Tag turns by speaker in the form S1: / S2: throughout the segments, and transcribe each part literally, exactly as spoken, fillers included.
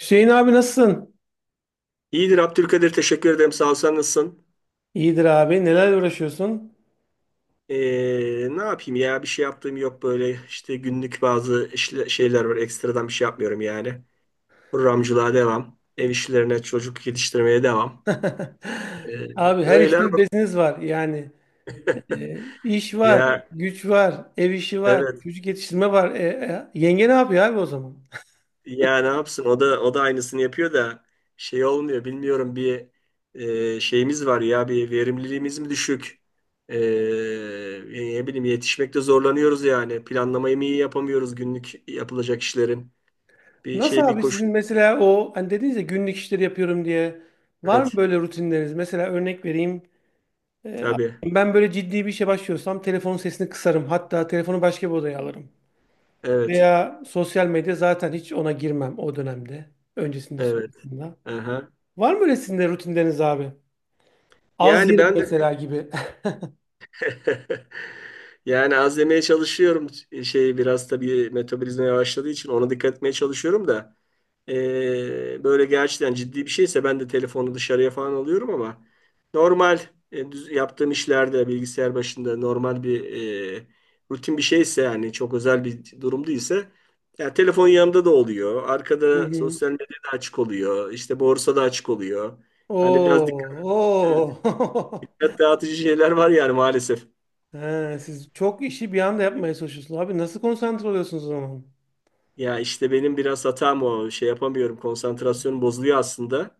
S1: Hüseyin abi, nasılsın?
S2: İyidir Abdülkadir, teşekkür ederim sağ ol, sen nasılsın?
S1: İyidir abi. Neler uğraşıyorsun?
S2: Ee, ne yapayım ya, bir şey yaptığım yok, böyle işte günlük bazı işle- şeyler var, ekstradan bir şey yapmıyorum yani. Programcılığa devam, ev işlerine çocuk yetiştirmeye devam. Ee,
S1: Abi, her
S2: Öyle
S1: işte
S2: ama.
S1: beziniz var. Yani e, iş var,
S2: Ya,
S1: güç var, ev işi var,
S2: evet.
S1: çocuk yetiştirme var. E, e, yenge ne yapıyor abi o zaman?
S2: Ya ne yapsın? O da o da aynısını yapıyor da şey olmuyor. Bilmiyorum, bir e, şeyimiz var ya, bir verimliliğimiz mi düşük? E, Ne bileyim, yetişmekte zorlanıyoruz yani. Planlamayı mı iyi yapamıyoruz günlük yapılacak işlerin? Bir
S1: Nasıl
S2: şey bir
S1: abi,
S2: koşu.
S1: sizin mesela o hani dediniz ya günlük işleri yapıyorum diye. Var mı
S2: Evet.
S1: böyle rutinleriniz? Mesela örnek vereyim. E,
S2: Tabii.
S1: Ben böyle ciddi bir işe başlıyorsam telefonun sesini kısarım. Hatta telefonu başka bir odaya alırım.
S2: Evet.
S1: Veya sosyal medya, zaten hiç ona girmem o dönemde. Öncesinde,
S2: Evet.
S1: sonrasında.
S2: Aha.
S1: Var mı öyle sizin de rutinleriniz abi? Az
S2: Yani
S1: yerim
S2: ben de.
S1: mesela gibi.
S2: Yani az yemeye çalışıyorum. Şey, biraz tabii metabolizma yavaşladığı için ona dikkat etmeye çalışıyorum da. Ee, böyle gerçekten ciddi bir şeyse ben de telefonu dışarıya falan alıyorum ama normal, e, düz- yaptığım işlerde bilgisayar başında normal bir, e, rutin bir şeyse, yani çok özel bir durum değilse yani telefon yanımda da oluyor.
S1: Hı
S2: Arkada
S1: hı.
S2: sosyal medyada açık oluyor. İşte borsa da açık oluyor. Hani biraz dikkat, evet,
S1: Oo, oo.
S2: dikkat dağıtıcı şeyler var yani maalesef.
S1: He, siz çok işi bir anda yapmaya çalışıyorsunuz. Abi, nasıl konsantre oluyorsunuz o zaman?
S2: Ya işte benim biraz hatam o. Şey yapamıyorum. Konsantrasyonum bozuluyor aslında.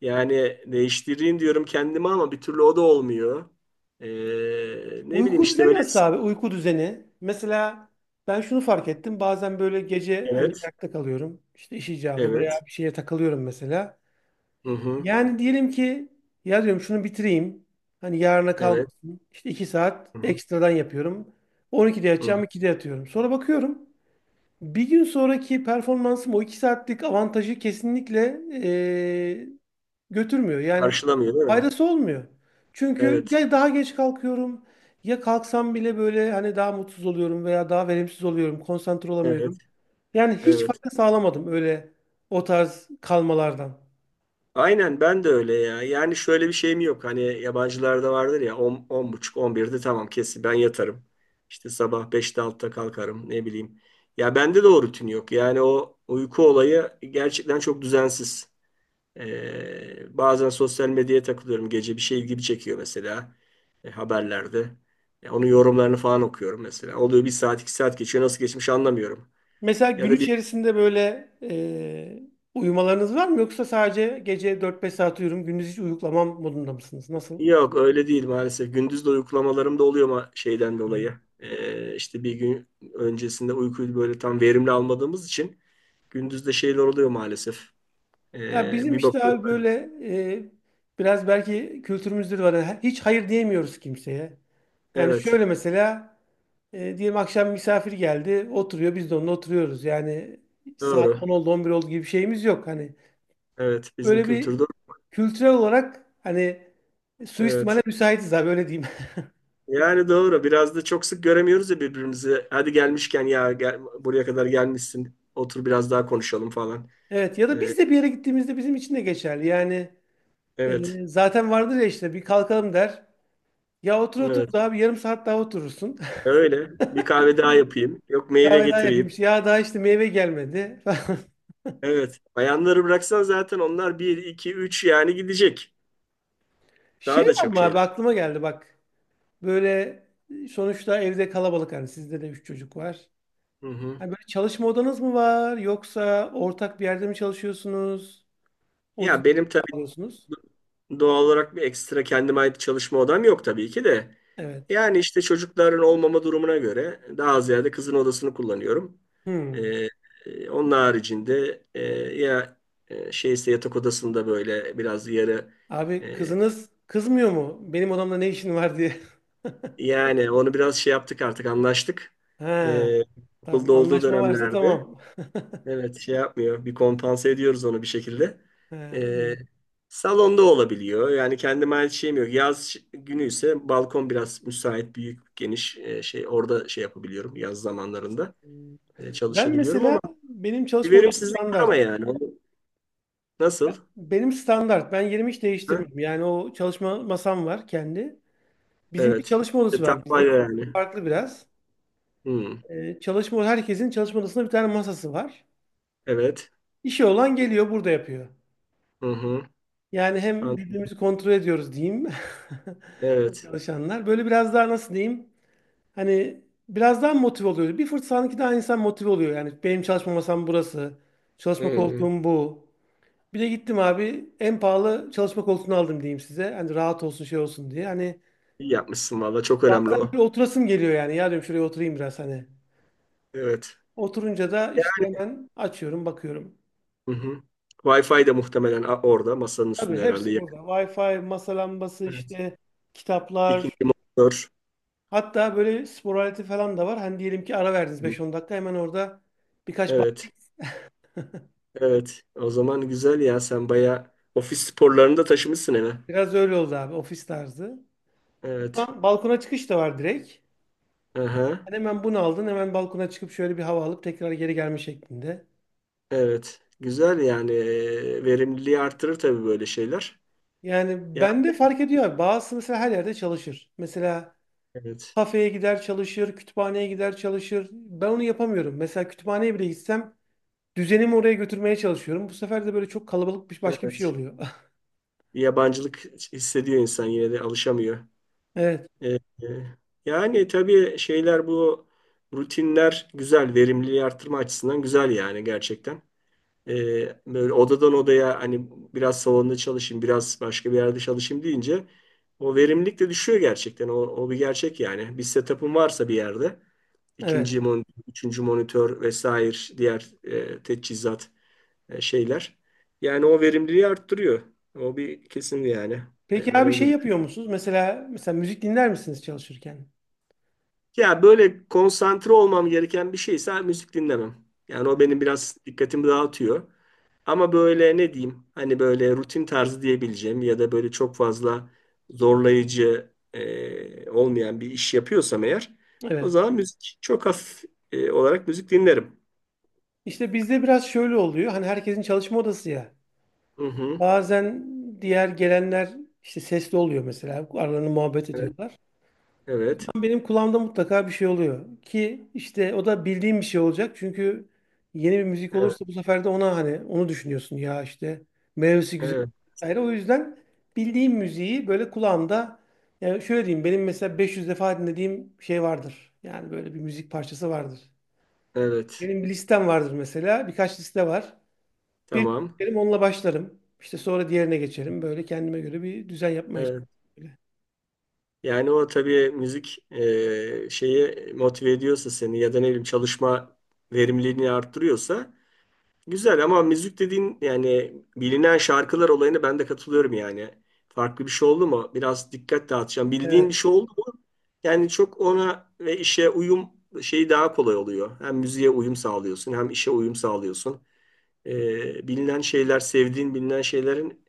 S2: Yani değiştireyim diyorum kendime ama bir türlü o da olmuyor. Ee, Ne bileyim,
S1: Uyku
S2: işte
S1: düzeni
S2: böyle.
S1: nasıl abi? Uyku düzeni. Mesela ben şunu fark ettim. Bazen böyle gece hani
S2: Evet.
S1: ayakta kalıyorum. İşte iş icabı veya
S2: Evet.
S1: bir şeye takılıyorum mesela.
S2: Hı hı.
S1: Yani diyelim ki, ya diyorum şunu bitireyim. Hani yarına
S2: Evet.
S1: kalmasın. İşte iki saat
S2: Hı hı.
S1: ekstradan yapıyorum. on ikide
S2: Hı.
S1: yatacağım, ikide yatıyorum. Sonra bakıyorum. Bir gün sonraki performansım o iki saatlik avantajı kesinlikle eee, götürmüyor. Yani
S2: Karşılamıyor değil mi?
S1: faydası olmuyor. Çünkü
S2: Evet.
S1: ya daha geç kalkıyorum ya kalksam bile böyle hani daha mutsuz oluyorum veya daha verimsiz oluyorum, konsantre
S2: Evet.
S1: olamıyorum. Yani hiç
S2: Evet.
S1: fayda sağlamadım öyle o tarz kalmalardan.
S2: Aynen, ben de öyle ya. Yani şöyle bir şeyim yok. Hani yabancılarda vardır ya, on, on buçuk on birde tamam, kesin ben yatarım. İşte sabah beşte, altıda kalkarım, ne bileyim. Ya bende de o rutin yok. Yani o uyku olayı gerçekten çok düzensiz. Ee, bazen sosyal medyaya takılıyorum. Gece bir şey ilgimi çekiyor mesela, e, haberlerde. Ya onun yorumlarını falan okuyorum mesela. Oluyor, bir saat iki saat geçiyor. Nasıl geçmiş anlamıyorum.
S1: Mesela
S2: Ya
S1: gün
S2: da bir
S1: içerisinde böyle eee, uyumalarınız var mı, yoksa sadece gece dört beş saat uyurum, gündüz hiç uyuklamam modunda mısınız? Nasıl?
S2: Yok, öyle değil maalesef. Gündüz de uykulamalarım da oluyor ama şeyden dolayı. Ee, işte bir gün öncesinde uykuyu böyle tam verimli almadığımız için gündüz de şeyler oluyor maalesef.
S1: Ya
S2: Ee,
S1: bizim
S2: bir
S1: işte
S2: bakıyorum.
S1: abi böyle
S2: ben-
S1: e, biraz belki kültürümüzde var. He- Hiç hayır diyemiyoruz kimseye. Yani
S2: Evet.
S1: şöyle mesela, e, diyelim akşam misafir geldi, oturuyor, biz de onunla oturuyoruz. Yani saat
S2: Doğru.
S1: on oldu on bir oldu gibi bir şeyimiz yok. Hani
S2: Evet. Bizim
S1: böyle bir
S2: kültürde.
S1: kültürel olarak hani suistimale
S2: Evet.
S1: müsaitiz abi, öyle diyeyim.
S2: Yani doğru. Biraz da çok sık göremiyoruz ya birbirimizi. Hadi gelmişken, ya gel, buraya kadar gelmişsin, otur biraz daha konuşalım falan.
S1: Evet, ya da
S2: Ee,
S1: biz de bir yere gittiğimizde bizim için de geçerli. Yani
S2: evet.
S1: e, zaten vardır ya işte bir kalkalım der. Ya otur otur,
S2: Evet.
S1: daha bir yarım saat daha oturursun.
S2: Öyle. Bir kahve daha yapayım. Yok, meyve
S1: Kahve daha yapayım.
S2: getireyim.
S1: İşte ya, daha işte meyve gelmedi falan.
S2: Evet. Bayanları bıraksan zaten onlar bir iki üç, yani gidecek.
S1: Şey
S2: Daha da
S1: var
S2: çok
S1: mı
S2: şeyler.
S1: abi, aklıma geldi bak. Böyle sonuçta evde kalabalık, hani sizde de üç çocuk var.
S2: Hı hı.
S1: Hani böyle çalışma odanız mı var, yoksa ortak bir yerde mi çalışıyorsunuz? O düzeni
S2: Ya benim tabii
S1: sağlıyorsunuz.
S2: doğal olarak bir ekstra kendime ait çalışma odam yok tabii ki de.
S1: Evet.
S2: Yani işte çocukların olmama durumuna göre daha ziyade kızın odasını kullanıyorum.
S1: Hmm.
S2: Ee, e, Onun haricinde, e, ya, e, şeyse yatak odasında böyle biraz yarı,
S1: Abi
S2: e,
S1: kızınız kızmıyor mu? Benim odamda ne işin var diye.
S2: yani onu biraz şey yaptık, artık anlaştık.
S1: Ha.
S2: Ee,
S1: Tamam,
S2: Okulda olduğu
S1: anlaşma varsa
S2: dönemlerde.
S1: tamam.
S2: Evet, şey yapmıyor. Bir kompanse ediyoruz onu bir şekilde.
S1: Ha,
S2: Ee,
S1: iyi.
S2: Salonda olabiliyor. Yani kendime ait şeyim yok. Yaz ş- günü ise balkon biraz müsait, büyük, geniş, e, şey orada şey yapabiliyorum yaz zamanlarında.
S1: Hmm.
S2: E,
S1: Ben
S2: çalışabiliyorum
S1: mesela,
S2: ama
S1: benim
S2: bir
S1: çalışma odam
S2: verimsizlik var ama
S1: standart.
S2: yani. Onu- Nasıl?
S1: Benim standart. Ben yerimi hiç
S2: Ha?
S1: değiştirmedim. Yani o çalışma masam var kendi. Bizim bir
S2: Evet.
S1: çalışma
S2: E,
S1: odası
S2: tam
S1: var. Bizdeki
S2: yani.
S1: farklı biraz.
S2: Hmm.
S1: Ee, çalışma, herkesin çalışma odasında bir tane masası var.
S2: Evet.
S1: İşi olan geliyor burada yapıyor.
S2: Hı hı.
S1: Yani hem
S2: An-
S1: birbirimizi kontrol ediyoruz diyeyim.
S2: Evet.
S1: Çalışanlar. Böyle biraz daha nasıl diyeyim? Hani biraz daha motive oluyor. Bir fırsat daha insan motive oluyor. Yani benim çalışma masam burası.
S2: Hı
S1: Çalışma
S2: hı.
S1: koltuğum bu. Bir de gittim abi, en pahalı çalışma koltuğunu aldım diyeyim size. Hani rahat olsun, şey olsun diye. Hani
S2: İyi yapmışsın valla. Çok önemli
S1: bazen
S2: o.
S1: böyle oturasım geliyor yani. Ya diyorum şuraya oturayım biraz hani.
S2: Evet.
S1: Oturunca da işte hemen açıyorum, bakıyorum.
S2: Hı hı. Wi-Fi de muhtemelen, a- orada masanın
S1: Tabii
S2: üstünde herhalde.
S1: hepsi burada. vay fay, masa lambası
S2: Evet.
S1: işte, kitaplar.
S2: İkinci motor.
S1: Hatta böyle spor aleti falan da var. Hani diyelim ki ara verdiniz
S2: Hı.
S1: beş on dakika, hemen orada birkaç bak-
S2: Evet. Evet. O zaman güzel ya. Sen bayağı ofis sporlarını da taşımışsın eve.
S1: biraz öyle oldu abi, ofis tarzı.
S2: Evet.
S1: Ba- Balkona çıkış da var direkt.
S2: Aha.
S1: Yani hemen bunu aldın, hemen balkona çıkıp şöyle bir hava alıp tekrar geri gelme şeklinde.
S2: Evet. Güzel yani. Ee, Verimliliği artırır tabii böyle şeyler.
S1: Yani
S2: Ya,
S1: bende fark ediyor abi. Bazısı mesela her yerde çalışır. Mesela
S2: evet.
S1: kafeye gider çalışır, kütüphaneye gider çalışır. Ben onu yapamıyorum. Mesela kütüphaneye bile gitsem düzenimi oraya götürmeye çalışıyorum. Bu sefer de böyle çok kalabalık bir başka bir şey
S2: Evet.
S1: oluyor.
S2: Yabancılık hissediyor insan, yine de alışamıyor.
S1: Evet,
S2: Ee, e, Yani tabii şeyler, bu rutinler güzel. Verimliliği artırma açısından güzel yani, gerçekten. E, Böyle odadan odaya, hani biraz salonda çalışayım, biraz başka bir yerde çalışayım deyince o verimlilik de düşüyor gerçekten. O, o bir gerçek yani. Bir setup'ın varsa bir yerde ikinci
S1: evet.
S2: monitör, üçüncü monitör vesaire, diğer, e, teçhizat, e, şeyler. Yani o verimliliği arttırıyor. O bir kesin yani. E,
S1: Peki
S2: Ben
S1: abi
S2: öyle
S1: şey
S2: düşünüyorum.
S1: yapıyor musunuz? Mesela mesela müzik dinler misiniz çalışırken?
S2: Ya böyle konsantre olmam gereken bir şeyse müzik dinlemem. Yani o benim biraz dikkatimi dağıtıyor. Ama böyle ne diyeyim, hani böyle rutin tarzı diyebileceğim ya da böyle çok fazla zorlayıcı, e, olmayan bir iş yapıyorsam eğer, o
S1: Evet.
S2: zaman müzik çok hafif, e, olarak müzik dinlerim.
S1: İşte bizde biraz şöyle oluyor. Hani herkesin çalışma odası ya.
S2: Hı hı.
S1: Bazen diğer gelenler işte sesli oluyor mesela. Aralarında muhabbet
S2: Evet,
S1: ediyorlar.
S2: evet,
S1: Benim kulağımda mutlaka bir şey oluyor. Ki işte o da bildiğim bir şey olacak. Çünkü yeni bir müzik
S2: evet,
S1: olursa bu sefer de ona hani onu düşünüyorsun ya işte, meyvesi güzel.
S2: evet,
S1: Ayrı. O yüzden bildiğim müziği böyle kulağımda. Yani şöyle diyeyim, benim mesela beş yüz defa dinlediğim şey vardır. Yani böyle bir müzik parçası vardır.
S2: evet.
S1: Benim bir listem vardır mesela. Birkaç liste var. Bir
S2: Tamam.
S1: dinlerim, onunla başlarım. İşte sonra diğerine geçerim. Böyle kendime göre bir düzen yapmaya
S2: Evet.
S1: çalışıyorum.
S2: Yani o tabii müzik, e, şeyi motive ediyorsa seni ya da ne bileyim çalışma verimliliğini arttırıyorsa, güzel. Ama müzik dediğin yani bilinen şarkılar olayına ben de katılıyorum yani. Farklı bir şey oldu mu biraz dikkat dağıtacağım. Bildiğin bir
S1: Evet.
S2: şey oldu mu yani çok ona ve işe uyum şeyi daha kolay oluyor. Hem müziğe uyum sağlıyorsun, hem işe uyum sağlıyorsun. Ee, bilinen şeyler, sevdiğin bilinen şeylerin,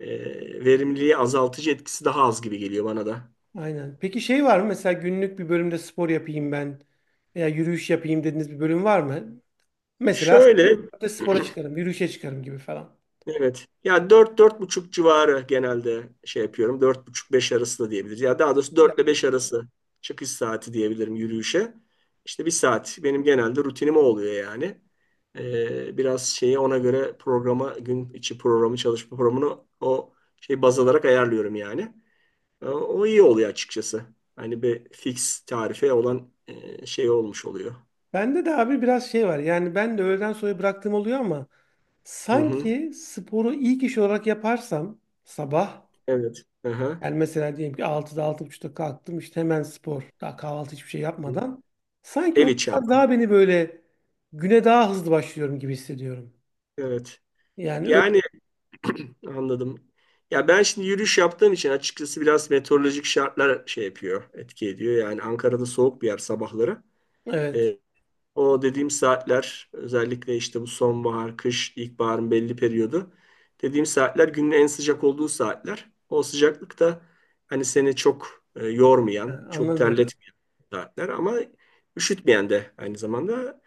S2: e, verimliliği azaltıcı etkisi daha az gibi geliyor bana da.
S1: Aynen. Peki şey var mı? Mesela günlük bir bölümde spor yapayım ben veya yürüyüş yapayım dediğiniz bir bölüm var mı? Mesela
S2: Şöyle.
S1: saatte spora çıkarım, yürüyüşe çıkarım gibi falan.
S2: Evet. Ya, dört dört buçuk civarı genelde şey yapıyorum. Dört buçuk beş arası da diyebiliriz. Ya daha doğrusu, dört ile
S1: Güzel.
S2: beş arası çıkış saati diyebilirim yürüyüşe. İşte bir saat benim genelde rutinim o oluyor yani. Ee, biraz şeyi ona göre programa, gün içi programı, çalışma programını o şey baz alarak ayarlıyorum yani. Ee, O iyi oluyor açıkçası. Hani bir fix tarife olan, e, şey olmuş oluyor.
S1: Bende de abi biraz şey var. Yani ben de öğleden sonra bıraktığım oluyor ama
S2: Hı hı.
S1: sanki sporu ilk iş olarak yaparsam sabah,
S2: Evet. Aha.
S1: yani mesela diyelim ki altıda altı buçukta kalktım, işte hemen spor. Daha kahvaltı hiçbir şey
S2: Hı.
S1: yapmadan. Sanki
S2: Ev
S1: o
S2: içi
S1: biraz
S2: ama.
S1: daha beni böyle güne daha hızlı başlıyorum gibi hissediyorum.
S2: Evet.
S1: Yani öyle,
S2: Yani anladım. Ya ben şimdi yürüyüş yaptığım için açıkçası biraz meteorolojik şartlar şey yapıyor, etki ediyor. Yani Ankara'da soğuk bir yer sabahları.
S1: evet.
S2: Ee, O dediğim saatler özellikle işte bu sonbahar, kış, ilkbaharın belli periyodu. Dediğim saatler günün en sıcak olduğu saatler. O sıcaklıkta hani seni çok, e,
S1: Ha,
S2: yormayan, çok
S1: anladım.
S2: terletmeyen saatler ama üşütmeyen de aynı zamanda.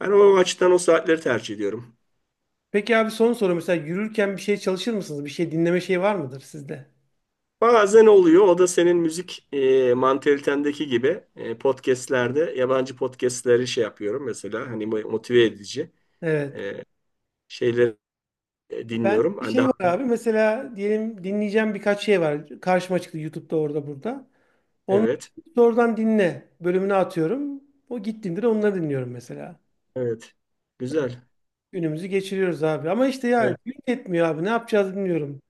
S2: Ben o açıdan o saatleri tercih ediyorum.
S1: Peki abi son soru, mesela yürürken bir şey çalışır mısınız? Bir şey dinleme şey var mıdır sizde?
S2: Bazen oluyor. O da senin müzik, e, mantalitendeki gibi, e, podcastlerde yabancı podcastleri şey yapıyorum mesela, hani mo- motive edici,
S1: Evet.
S2: e, şeyleri, e,
S1: Ben
S2: dinliyorum.
S1: bir
S2: Hani
S1: şey
S2: daha,
S1: var abi mesela, diyelim dinleyeceğim birkaç şey var. Karşıma çıktı YouTube'da orada burada. Onları
S2: evet,
S1: doğrudan dinle bölümüne atıyorum. O gittiğimde de onları dinliyorum mesela.
S2: evet, güzel.
S1: Günümüzü geçiriyoruz abi. Ama işte ya
S2: Evet.
S1: gün yetmiyor abi, ne yapacağız bilmiyorum.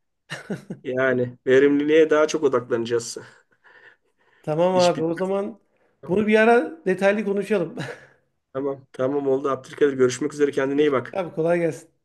S2: Yani verimliliğe daha çok odaklanacağız.
S1: Tamam
S2: İş
S1: abi, o
S2: bitmez.
S1: zaman
S2: Tamam,
S1: bunu bir ara detaylı konuşalım.
S2: tamam, tamam, oldu Abdülkadir, görüşmek üzere, kendine iyi
S1: Görüşürüz
S2: bak.
S1: abi, kolay gelsin.